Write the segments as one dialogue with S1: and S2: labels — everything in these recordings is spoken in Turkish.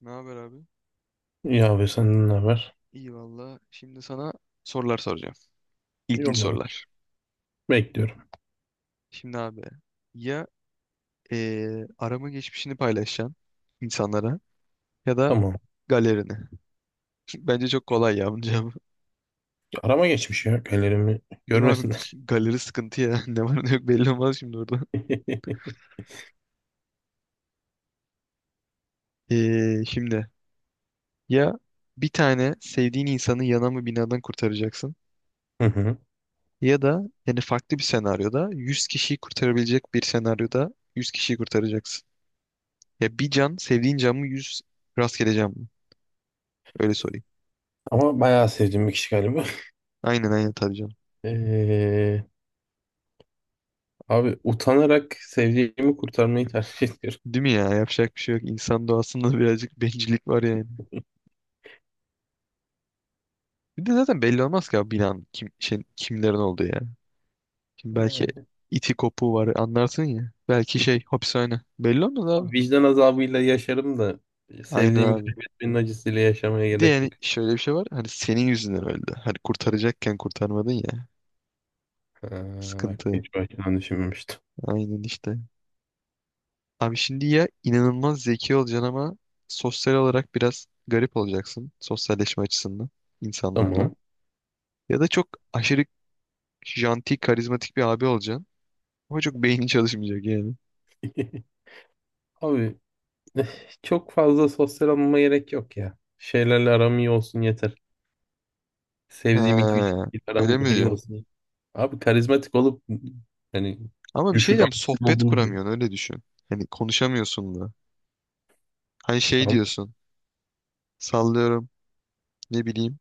S1: Ne haber abi?
S2: İyi abi senden ne haber?
S1: İyi valla. Şimdi sana sorular soracağım. İlginç
S2: Yolla bakayım.
S1: sorular.
S2: Bekliyorum.
S1: Şimdi abi ya arama geçmişini paylaşacaksın insanlara ya da
S2: Tamam.
S1: galerini. Bence çok kolay ya bunun cevabı.
S2: Arama geçmiş ya. Ellerimi
S1: Değil mi abi?
S2: görmesinler.
S1: Galeri sıkıntı ya. Ne var ne yok belli olmaz şimdi orada. Şimdi ya bir tane sevdiğin insanı yanan mı binadan kurtaracaksın
S2: Hı hı.
S1: ya da yani farklı bir senaryoda 100 kişiyi kurtarabilecek bir senaryoda 100 kişiyi kurtaracaksın. Ya bir can sevdiğin can mı 100 rastgeleceğim, öyle sorayım.
S2: Ama bayağı sevdiğim bir kişi galiba.
S1: Aynen aynen tabii canım.
S2: Ee, abi utanarak sevdiğimi kurtarmayı tercih ediyorum.
S1: Değil mi ya? Yapacak bir şey yok. İnsan doğasında birazcık bencillik var yani. Bir de zaten belli olmaz ki abi binanın kim, şey, kimlerin olduğu ya. Şimdi belki
S2: Yani
S1: iti kopuğu var anlarsın ya. Belki şey hapishane. Belli olmaz abi.
S2: abi vicdan azabıyla yaşarım da
S1: Aynen
S2: sevdiğimi
S1: abi.
S2: kaybetmenin acısıyla yaşamaya
S1: Bir de
S2: gerek
S1: yani
S2: yok.
S1: şöyle bir şey var. Hani senin yüzünden öldü. Hani kurtaracakken kurtarmadın ya.
S2: Ha, bak
S1: Sıkıntı.
S2: hiç baştan düşünmemiştim.
S1: Aynen işte. Abi şimdi ya inanılmaz zeki olacaksın ama sosyal olarak biraz garip olacaksın. Sosyalleşme açısından insanlarla.
S2: Tamam.
S1: Ya da çok aşırı janti, karizmatik bir abi olacaksın. Ama çok beynin çalışmayacak yani.
S2: Abi eh, çok fazla sosyal olmama gerek yok ya. Şeylerle aram iyi olsun yeter. Sevdiğim iki üç
S1: He,
S2: kişi
S1: öyle mi
S2: aram iyi
S1: diyor?
S2: olsun. Abi karizmatik olup hani
S1: Ama bir şey
S2: düşük
S1: diyeceğim,
S2: IQ
S1: sohbet
S2: olduğunu düşün.
S1: kuramıyorsun, öyle düşün. Hani konuşamıyorsun da. Hani şey
S2: Tamam.
S1: diyorsun, sallıyorum ne bileyim.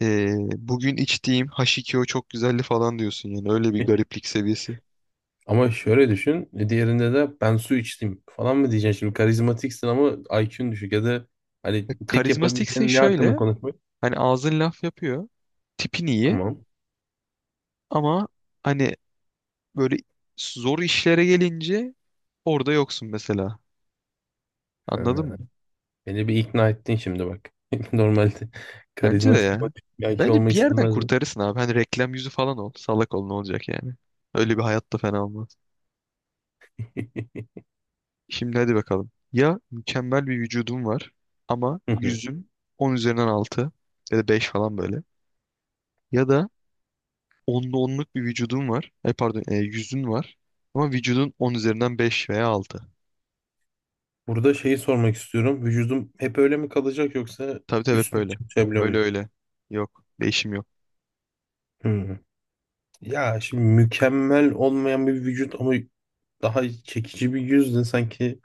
S1: Bugün içtiğim H2O çok güzeldi falan diyorsun yani öyle bir gariplik seviyesi.
S2: Ama şöyle düşün. Diğerinde de ben su içtim falan mı diyeceksin şimdi? Karizmatiksin ama IQ'un düşük ya da hani
S1: E,
S2: tek
S1: karizmatiksin
S2: yapabileceğin ne hakkında
S1: şöyle,
S2: konuşmak?
S1: hani ağzın laf yapıyor, tipin iyi
S2: Tamam.
S1: ama hani böyle zor işlere gelince orada yoksun mesela. Anladın mı?
S2: Ha, beni bir ikna ettin şimdi bak. Normalde
S1: Bence de
S2: karizmatik ama
S1: ya.
S2: düşük IQ
S1: Bence bir
S2: olmak
S1: yerden
S2: istemezdim.
S1: kurtarırsın abi. Hani reklam yüzü falan ol. Salak ol, ne olacak yani. Öyle bir hayat da fena olmaz. Şimdi hadi bakalım. Ya mükemmel bir vücudum var ama
S2: Hı hı.
S1: yüzüm 10 üzerinden 6 ya da 5 falan böyle. Ya da onlu onluk bir vücudum var. E pardon, e, yüzün var ama vücudun 10 üzerinden beş veya altı.
S2: Burada şeyi sormak istiyorum. Vücudum hep öyle mi kalacak yoksa
S1: Tabii tabii hep
S2: üstüne
S1: böyle.
S2: çalışabiliyor
S1: Öyle
S2: muyum?
S1: öyle. Yok. Değişim yok.
S2: Hı. Ya şimdi mükemmel olmayan bir vücut ama daha çekici bir yüz de sanki.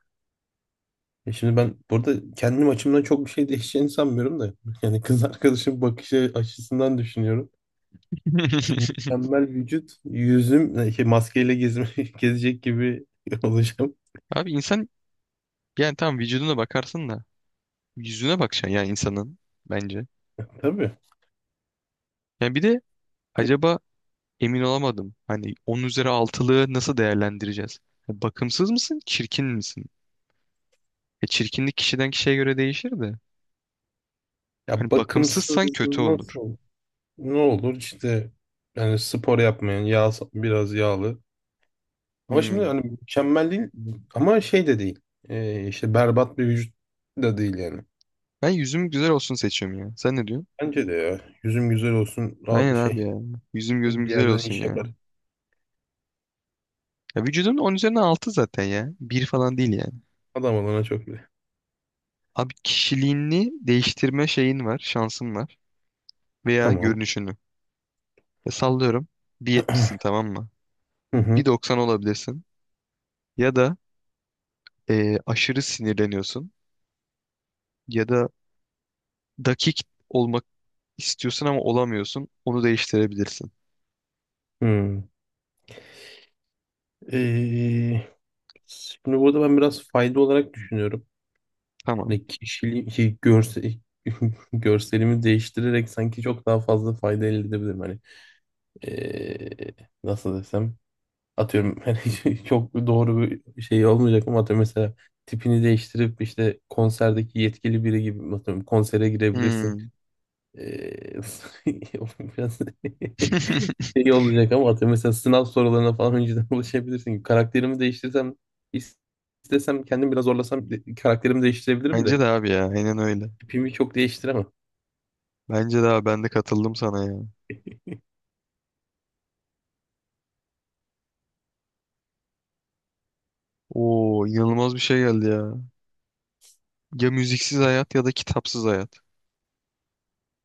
S2: E şimdi ben burada kendim açımdan çok bir şey değişeceğini sanmıyorum da. Yani kız arkadaşım bakışı açısından düşünüyorum. Yani mükemmel vücut, yüzüm şey, maskeyle gezme, gezecek gibi olacağım.
S1: Abi insan yani tam vücuduna bakarsın da yüzüne bakacaksın yani insanın bence.
S2: Tabii.
S1: Yani bir de acaba, emin olamadım. Hani 10 üzeri altılığı nasıl değerlendireceğiz? Ya, bakımsız mısın, çirkin misin? E çirkinlik kişiden kişiye göre değişir de. Hani
S2: Ya bakımsız
S1: bakımsızsan kötü olur.
S2: nasıl? Ne olur işte yani spor yapmayan, yağ, biraz yağlı. Ama şimdi
S1: Hmm.
S2: hani mükemmel değil ama şey de değil. İşte berbat bir vücut da değil yani.
S1: Ben yüzüm güzel olsun seçiyorum ya. Sen ne diyorsun?
S2: Bence de ya. Yüzüm güzel olsun.
S1: Aynen
S2: Rahat
S1: abi
S2: şey.
S1: ya. Yüzüm gözüm
S2: Bir
S1: güzel
S2: yerden
S1: olsun
S2: iş
S1: ya.
S2: yapar.
S1: Ya vücudun 10 üzerine 6 zaten ya. Bir falan değil yani.
S2: Adam olana çok bile.
S1: Abi kişiliğini değiştirme şeyin var, şansın var. Veya
S2: Tamam.
S1: görünüşünü. Ya sallıyorum, bir yetmişsin tamam mı?
S2: Hı
S1: Bir
S2: hı.
S1: doksan olabilirsin. Ya da e, aşırı sinirleniyorsun. Ya da dakik olmak istiyorsun ama olamıyorsun. Onu değiştirebilirsin.
S2: Hı. Ee, şimdi burada ben biraz fayda olarak düşünüyorum.
S1: Tamam.
S2: Hani kişiliği, şey, görselimi değiştirerek sanki çok daha fazla fayda elde edebilirim. Hani ee, nasıl desem. Atıyorum hani çok doğru bir şey olmayacak ama atıyorum mesela tipini değiştirip işte konserdeki yetkili biri gibi atıyorum konsere girebilirsin.
S1: Hmm.
S2: Ee, O biraz şey olacak ama atıyorum mesela sınav sorularına falan önceden ulaşabilirsin. Karakterimi değiştirsem is- istesem kendim biraz zorlasam karakterimi değiştirebilirim de
S1: Bence de abi ya. Aynen öyle.
S2: tipimi çok değiştiremem.
S1: Bence de abi ben de katıldım sana ya. Oo, inanılmaz bir şey geldi ya. Ya müziksiz hayat ya da kitapsız hayat.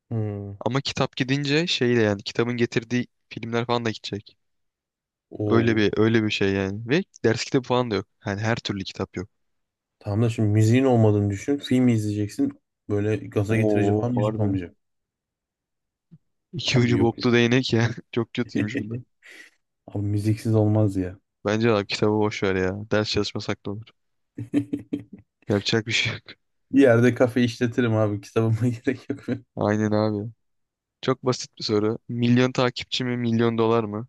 S2: Hmm.
S1: Ama kitap gidince şeyle yani kitabın getirdiği filmler falan da gidecek. Öyle bir
S2: Oo.
S1: öyle bir şey yani. Ve ders kitabı falan da yok. Yani her türlü kitap yok.
S2: Tamam da şimdi müziğin olmadığını düşün. Film izleyeceksin. Böyle gaza getirici
S1: Oo,
S2: falan müzik
S1: harbi.
S2: olmayacak.
S1: İki
S2: Abi
S1: ucu
S2: yok.
S1: boklu değnek ya. Çok kötüymüş bu da.
S2: Abi müziksiz olmaz ya.
S1: Bence abi kitabı boş ver ya. Ders çalışmasak da olur. Yapacak bir şey yok.
S2: Bir yerde kafe işletirim abi. Kitabıma gerek yok.
S1: Aynen abi. Çok basit bir soru. Milyon takipçi mi, milyon dolar mı?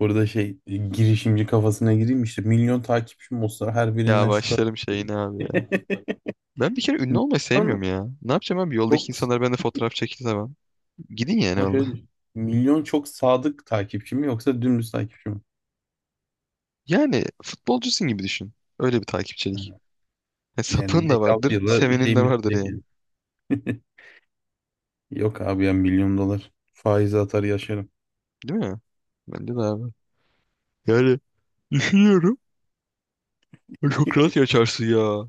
S2: Burada şey girişimci kafasına gireyim işte milyon takipçim olsa her
S1: Ya
S2: birinden şu kadar.
S1: başlarım şeyine abi ya. Ben bir kere ünlü olmayı
S2: Milyon
S1: sevmiyorum ya. Ne yapacağım abi? Yoldaki
S2: çok
S1: insanlar bende fotoğraf çekti tamam. Gidin yani
S2: ama
S1: valla.
S2: şöyle düşün. Milyon çok sadık takipçi mi yoksa dümdüz takipçi mi?
S1: Yani futbolcusun gibi düşün. Öyle bir takipçilik.
S2: Hı.
S1: E,
S2: Yani
S1: sapığın
S2: beş
S1: da
S2: altı
S1: vardır,
S2: yılda
S1: sevenin
S2: şeyim
S1: de vardır
S2: bitecek
S1: yani.
S2: yani. Yok abi ya milyon dolar. Faize atar yaşarım.
S1: Değil mi? Bence de abi. Yani düşünüyorum. Çok rahat yaşarsın ya.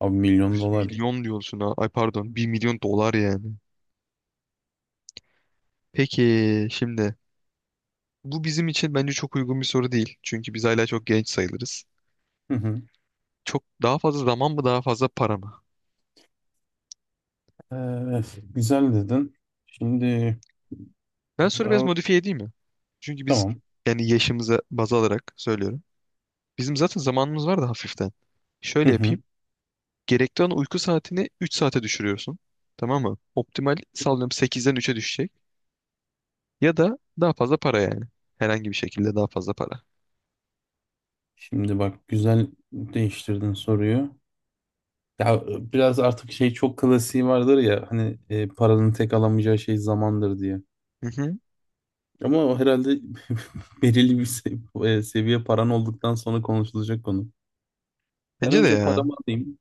S2: Abi milyon
S1: Yüz
S2: dolar ya.
S1: milyon diyorsun ha. Ay pardon. 1 milyon dolar yani. Peki şimdi, bu bizim için bence çok uygun bir soru değil. Çünkü biz hala çok genç sayılırız.
S2: Hı hı.
S1: Çok daha fazla zaman mı daha fazla para mı?
S2: Evet, güzel dedin. Şimdi
S1: Ben soruyu biraz
S2: daha.
S1: modifiye edeyim mi? Çünkü biz
S2: Tamam.
S1: yani yaşımıza baz alarak söylüyorum. Bizim zaten zamanımız var da hafiften.
S2: Hı
S1: Şöyle
S2: hı.
S1: yapayım. Gerekli olan uyku saatini 3 saate düşürüyorsun. Tamam mı? Optimal sallıyorum 8'den 3'e düşecek. Ya da daha fazla para yani. Herhangi bir şekilde daha fazla para.
S2: Şimdi bak güzel değiştirdin soruyu. Ya biraz artık şey çok klasiği vardır ya hani paranın tek alamayacağı şey zamandır diye.
S1: Hı hı.
S2: Ama o herhalde belirli bir seviye paran olduktan sonra konuşulacak konu. Ben
S1: Bence de
S2: önce
S1: ya.
S2: paramı alayım.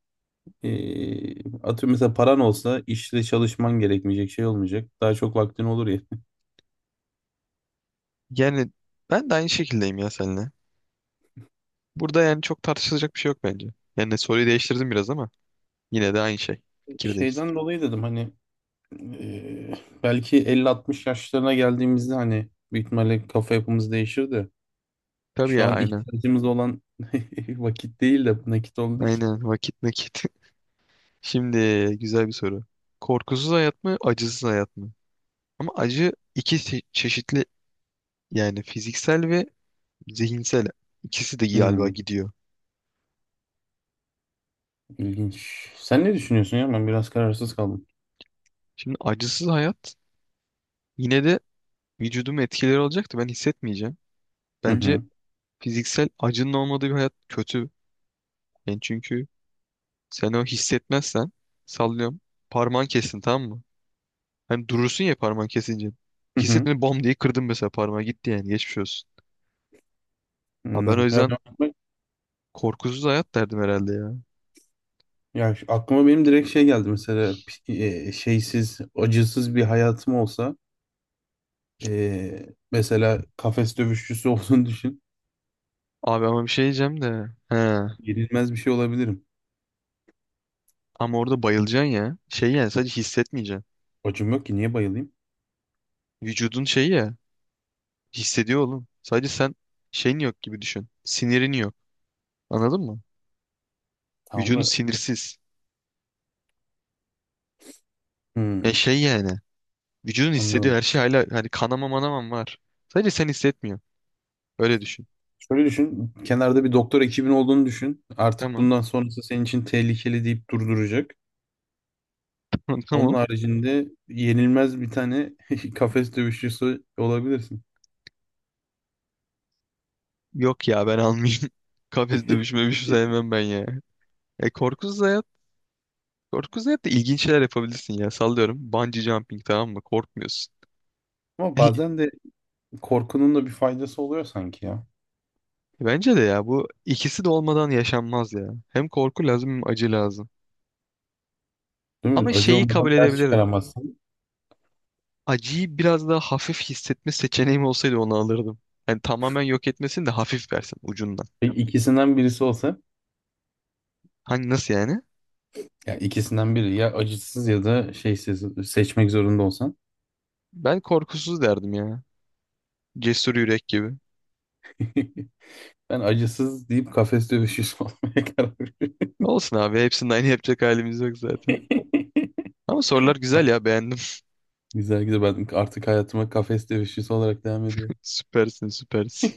S2: E, atıyorum mesela paran olsa işte çalışman gerekmeyecek şey olmayacak. Daha çok vaktin olur ya.
S1: Yani ben de aynı şekildeyim ya seninle. Burada yani çok tartışılacak bir şey yok bence. Yani soruyu değiştirdim biraz ama. Yine de aynı şey. Fikirdeyiz.
S2: Şeyden dolayı dedim hani e, belki 50-60 yaşlarına geldiğimizde hani büyük ihtimalle kafa yapımız değişir de
S1: Tabii
S2: şu
S1: ya
S2: an
S1: aynen.
S2: ihtiyacımız olan vakit değil de nakit olduğu için.
S1: Aynen vakit nakit. Şimdi güzel bir soru. Korkusuz hayat mı, acısız hayat mı? Ama acı iki çeşitli yani fiziksel ve zihinsel. İkisi de galiba
S2: Hmm,
S1: gidiyor.
S2: ilginç. Sen ne düşünüyorsun ya? Ben biraz kararsız kaldım.
S1: Şimdi acısız hayat yine de vücudum etkileri olacaktı. Ben hissetmeyeceğim.
S2: Hı
S1: Bence
S2: hı.
S1: fiziksel acının olmadığı bir hayat kötü. Yani çünkü sen o hissetmezsen sallıyorum. Parmağın kesin tamam mı? Hem durursun ya parmağın kesince.
S2: Hı hı.
S1: Hissetmeden bam diye kırdım mesela, parmağı gitti yani geçmiş olsun. Ha, ben o
S2: Anladım. Ya,
S1: yüzden
S2: ben-
S1: korkusuz hayat derdim herhalde ya.
S2: ya aklıma benim direkt şey geldi mesela şeysiz, acısız bir hayatım olsa mesela kafes dövüşçüsü olduğunu düşün.
S1: Abi ama bir şey diyeceğim de. He.
S2: Yenilmez bir şey olabilirim.
S1: Ama orada bayılacaksın ya. Şey yani sadece hissetmeyeceksin.
S2: Acım yok ki niye bayılayım?
S1: Vücudun şeyi ya. Hissediyor oğlum. Sadece sen şeyin yok gibi düşün. Sinirin yok. Anladın mı?
S2: Tamam
S1: Vücudun
S2: da
S1: sinirsiz. E
S2: hmm,
S1: şey yani. Vücudun hissediyor her
S2: anladım.
S1: şey hala hani kanama manamam var. Sadece sen hissetmiyorsun. Öyle düşün.
S2: Şöyle düşün. Kenarda bir doktor ekibin olduğunu düşün. Artık
S1: Tamam.
S2: bundan sonrası senin için tehlikeli deyip durduracak. Onun
S1: Tamam.
S2: haricinde yenilmez bir tane kafes dövüşçüsü olabilirsin.
S1: Yok ya ben almayayım. Kafes dövüşme bir şey sevmem ben ya. E korkusuz hayat. Korkusuz hayat da ilginç şeyler yapabilirsin ya. Sallıyorum. Bungee jumping tamam mı? Korkmuyorsun.
S2: Ama bazen de korkunun da bir faydası oluyor sanki ya.
S1: Bence de ya bu ikisi de olmadan yaşanmaz ya. Hem korku lazım hem acı lazım.
S2: Değil mi?
S1: Ama
S2: Acı
S1: şeyi
S2: olmadan
S1: kabul
S2: ders
S1: edebilirim.
S2: çıkaramazsın.
S1: Acıyı biraz daha hafif hissetme seçeneğim olsaydı onu alırdım. Yani tamamen yok etmesin de hafif versin ucundan.
S2: Peki ikisinden birisi olsa,
S1: Hani nasıl yani?
S2: ya ikisinden biri ya acısız ya da şeysiz seçmek zorunda olsan.
S1: Ben korkusuz derdim ya. Cesur yürek gibi.
S2: Ben acısız deyip kafes dövüşçüsü olmaya karar verdim.
S1: Olsun abi, hepsinin aynı yapacak halimiz yok zaten. Ama sorular güzel ya, beğendim.
S2: Güzel güzel ben artık hayatıma kafes dövüşçüsü olarak devam ediyorum.
S1: Süpersin süpersin.